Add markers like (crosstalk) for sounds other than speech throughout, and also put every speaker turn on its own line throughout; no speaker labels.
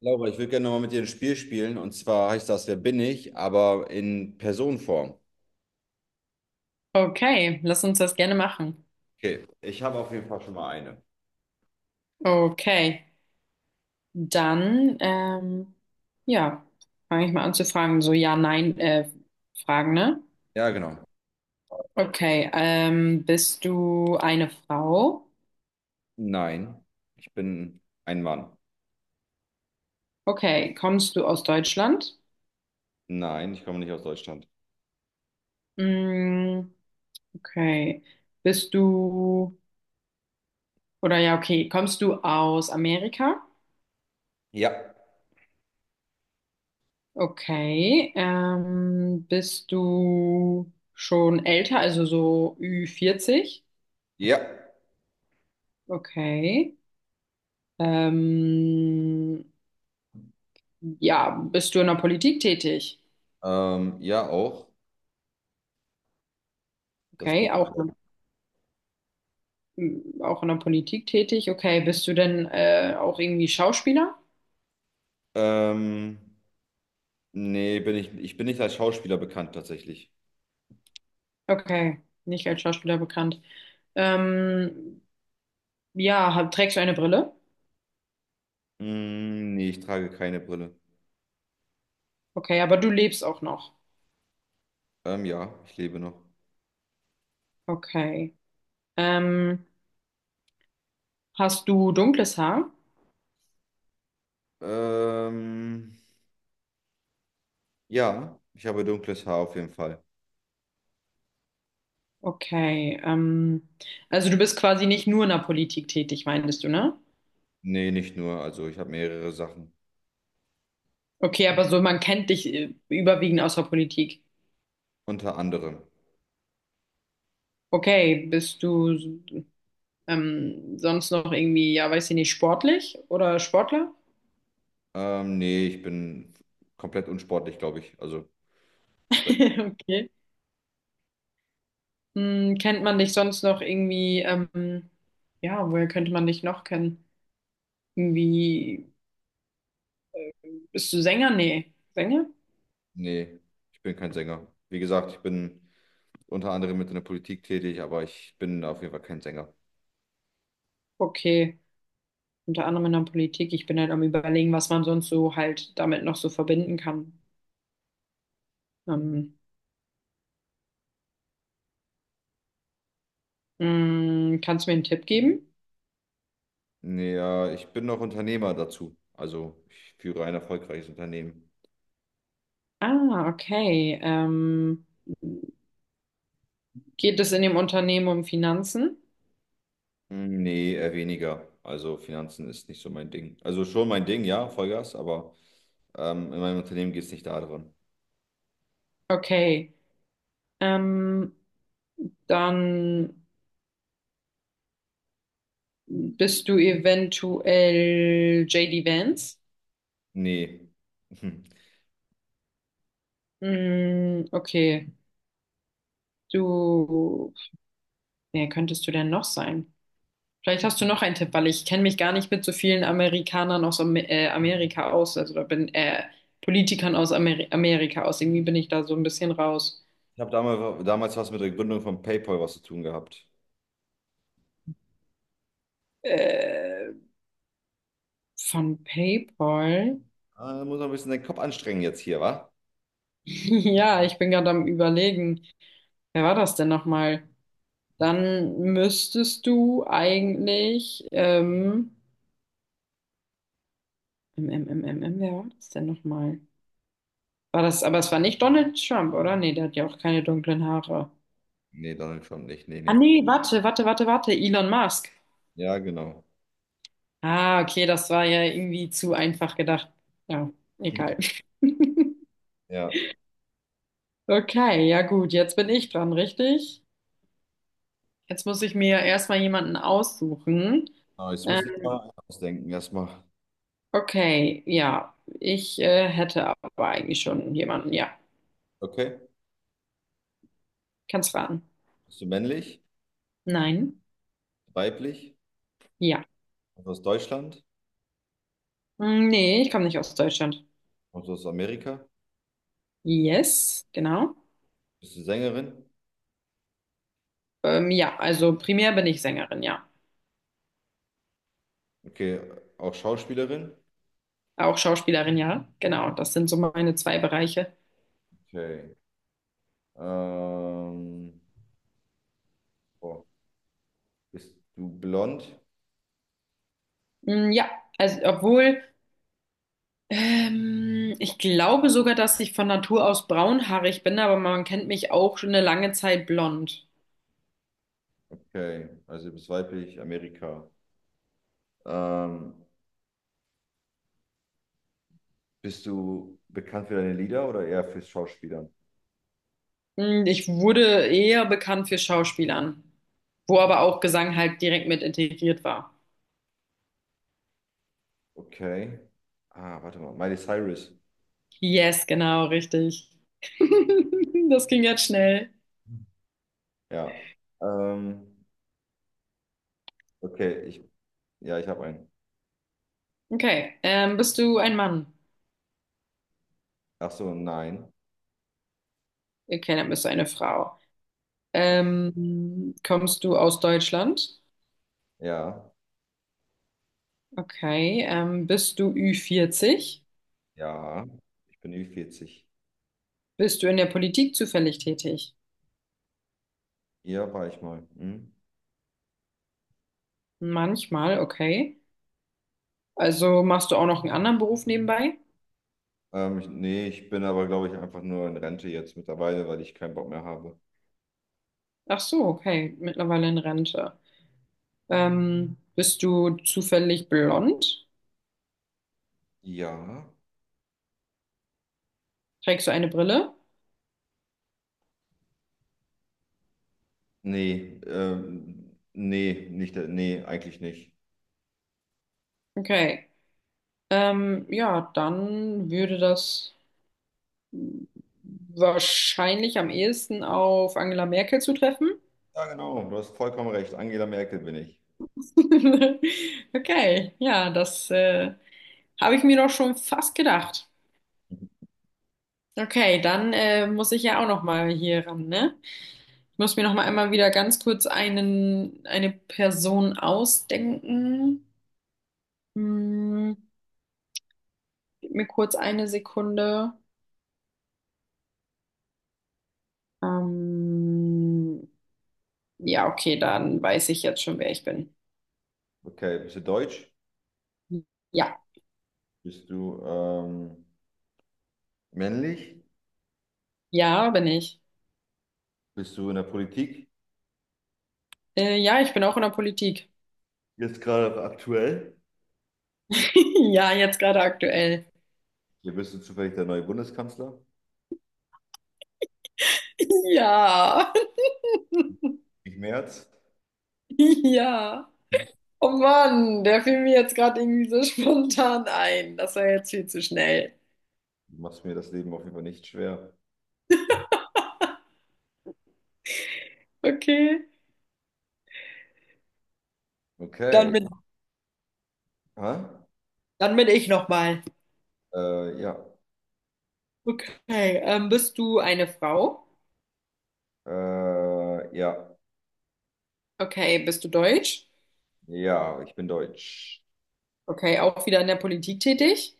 Laura, ich würde gerne nochmal mit dir ein Spiel spielen, und zwar heißt das "Wer bin ich", aber in Personenform.
Okay, lass uns das gerne machen.
Okay, ich habe auf jeden Fall schon mal eine.
Okay, dann ja, fange ich mal an zu fragen. So ja, nein, Fragen, ne?
Ja, genau.
Okay, bist du eine Frau?
Nein, ich bin ein Mann.
Okay, kommst du aus Deutschland?
Nein, ich komme nicht aus Deutschland.
Mm, okay, bist du oder ja, okay, kommst du aus Amerika?
Ja,
Okay, bist du schon älter, also so Ü40?
ja,
Okay. Ähm, ja, bist du in der Politik tätig?
ja auch. Das bin.
Okay, auch, auch in der Politik tätig. Okay, bist du denn auch irgendwie Schauspieler?
Ähm, nee, bin ich. Ich bin nicht als Schauspieler bekannt tatsächlich.
Okay, nicht als Schauspieler bekannt. Ähm, ja, trägst du eine Brille?
Mm, nee, ich trage keine Brille.
Okay, aber du lebst auch noch.
Ja, ich lebe noch.
Okay. Ähm, hast du dunkles Haar?
Ähm, ja, ich habe dunkles Haar auf jeden Fall.
Okay. Also du bist quasi nicht nur in der Politik tätig, meintest du, ne?
Nee, nicht nur. Also ich habe mehrere Sachen.
Okay, aber so man kennt dich überwiegend aus der Politik.
Unter anderem.
Okay, bist du sonst noch irgendwie, ja, weiß ich nicht, sportlich oder Sportler?
Nee, ich bin komplett unsportlich, glaube ich. Also, da-
(laughs) Okay. Hm, kennt man dich sonst noch irgendwie, ja, woher könnte man dich noch kennen? Irgendwie, bist du Sänger? Nee. Sänger?
nee, ich bin kein Sänger. Wie gesagt, ich bin unter anderem mit in der Politik tätig, aber ich bin auf jeden Fall kein Sänger.
Okay. Unter anderem in der Politik. Ich bin halt am Überlegen, was man sonst so halt damit noch so verbinden kann. Ähm, hm, kannst du mir einen Tipp geben?
Nee, ja, ich bin noch Unternehmer dazu. Also, ich führe ein erfolgreiches Unternehmen.
Ah, okay. Geht es in dem Unternehmen um Finanzen?
Hm, nee, eher weniger. Also, Finanzen ist nicht so mein Ding. Also, schon mein Ding, ja, Vollgas, aber in meinem Unternehmen geht es nicht darum.
Okay. Ähm, dann bist du eventuell JD Vance.
Nee. (laughs)
Mm, okay. Du, wer könntest du denn noch sein? Vielleicht hast du noch einen Tipp, weil ich kenne mich gar nicht mit so vielen Amerikanern aus Am Amerika aus, also da bin Politikern aus Amerika aus. Irgendwie bin ich da so ein bisschen raus.
Ich habe damals was mit der Gründung von PayPal was zu tun gehabt.
Äh, von PayPal? (laughs)
Ah, da muss man ein bisschen den Kopf anstrengen jetzt hier, wa?
Ja, ich bin gerade am Überlegen. Wer war das denn nochmal? Dann müsstest du eigentlich, wer war das denn nochmal? War das, aber es war nicht Donald Trump, oder? Nee, der hat ja auch keine dunklen Haare.
Nee, Donald Trump nicht. Nee,
Ah,
nee.
nee, warte, Elon Musk.
Ja, genau.
Ah, okay, das war ja irgendwie zu einfach gedacht. Ja, egal.
(laughs)
(laughs)
Ja.
Okay, ja gut, jetzt bin ich dran, richtig? Jetzt muss ich mir erstmal jemanden aussuchen.
Aber jetzt muss ich
Ähm,
mal ausdenken erstmal.
okay, ja, ich hätte aber eigentlich schon jemanden, ja.
Okay.
Kannst raten.
Bist du männlich?
Nein.
Weiblich?
Ja.
Kommst du aus Deutschland?
Hm, nee, ich komme nicht aus Deutschland.
Kommst du aus Amerika?
Yes, genau.
Bist du Sängerin?
Ja, also primär bin ich Sängerin, ja.
Okay. Auch Schauspielerin?
Auch Schauspielerin, ja. Genau, das sind so meine zwei Bereiche.
Okay. Ähm, boah. Bist du blond?
Hm, ja, also obwohl, ich glaube sogar, dass ich von Natur aus braunhaarig bin, aber man kennt mich auch schon eine lange Zeit blond.
Okay. Also du bist weiblich, Amerika. Ähm, Bist du bekannt für deine Lieder oder eher fürs Schauspielern?
Hm, ich wurde eher bekannt für Schauspielern, wo aber auch Gesang halt direkt mit integriert war.
Okay. Ah, warte mal. Miley Cyrus.
Yes, genau, richtig. (laughs) Das ging jetzt schnell.
Ja. Ähm, okay, ja, ich habe einen.
Okay. Bist du ein Mann?
Ach so, nein.
Okay, dann bist du eine Frau. Kommst du aus Deutschland?
Ja,
Okay. Bist du Ü40?
ja. Ich bin Ü40.
Bist du in der Politik zufällig tätig?
Hier war ich mal. Hm?
Manchmal, okay. Also machst du auch noch einen anderen Beruf nebenbei?
Nee, ich bin aber, glaube ich, einfach nur in Rente jetzt mittlerweile, weil ich keinen Bock mehr habe.
Ach so, okay. Mittlerweile in Rente. Bist du zufällig blond?
Ja.
Trägst du eine Brille?
Nee, nee, nicht, nee, eigentlich nicht.
Okay. Ja, dann würde das wahrscheinlich am ehesten auf Angela Merkel zu treffen.
Ja, genau. Du hast vollkommen recht. Angela Merkel bin ich.
(laughs) Okay, ja, das habe ich mir doch schon fast gedacht. Okay, dann muss ich ja auch noch mal hier ran, ne? Ich muss mir noch mal einmal wieder ganz kurz eine Person ausdenken. Hm, gib mir kurz eine Sekunde. Ähm, ja, okay, dann weiß ich jetzt schon, wer ich bin.
Okay, bist du deutsch?
Ja,
Bist du männlich?
ja, bin ich.
Bist du in der Politik?
Ja, ich bin auch in der Politik.
Jetzt gerade aktuell?
(laughs) Ja, jetzt gerade aktuell.
Hier bist du zufällig der neue Bundeskanzler?
Ja,
Ich Merz?
(laughs) ja. Oh Mann, der fiel mir jetzt gerade irgendwie so (laughs) spontan ein. Das war jetzt viel zu schnell.
Du machst mir das Leben auf jeden Fall nicht schwer.
Okay, dann
Okay.
bin,
Hä?
dann bin ich nochmal.
Ja.
Okay, bist du eine Frau?
Ja.
Okay, bist du deutsch?
Ja, ich bin deutsch.
Okay, auch wieder in der Politik tätig?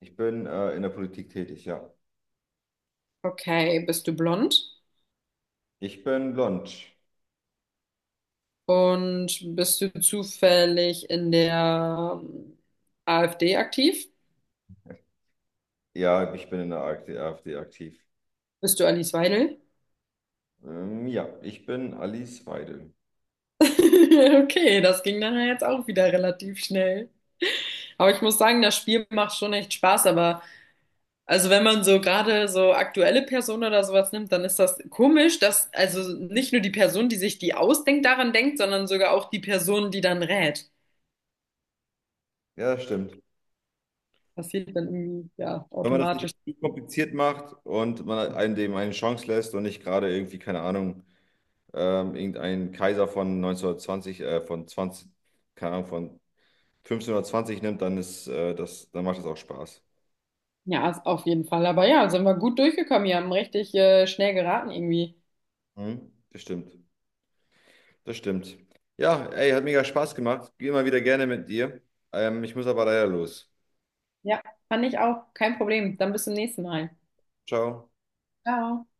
Ich bin in der Politik tätig, ja.
Okay, bist du blond?
Ich bin blond.
Und bist du zufällig in der AfD aktiv?
Ja, ich bin in der AfD aktiv.
Bist du Alice Weidel?
Ja, ich bin Alice Weidel.
(laughs) Okay, das ging dann ja jetzt auch wieder relativ schnell. Aber ich muss sagen, das Spiel macht schon echt Spaß. Aber also wenn man so gerade so aktuelle Personen oder sowas nimmt, dann ist das komisch, dass also nicht nur die Person, die sich die ausdenkt, daran denkt, sondern sogar auch die Person, die dann rät.
Ja, das stimmt.
Passiert dann irgendwie ja
Wenn man das nicht
automatisch.
zu kompliziert macht und man einem dem eine Chance lässt und nicht gerade irgendwie, keine Ahnung, irgendein Kaiser von 1920, keine Ahnung, von 1520 nimmt, dann ist das, dann macht das auch Spaß.
Ja, ist auf jeden Fall. Aber ja, sind wir gut durchgekommen. Wir haben richtig schnell geraten irgendwie.
Mhm. Das stimmt. Das stimmt. Ja, ey, hat mega Spaß gemacht. Geh immer wieder gerne mit dir. Ich muss aber leider los.
Ja, fand ich auch. Kein Problem. Dann bis zum nächsten Mal.
Ciao.
Ciao.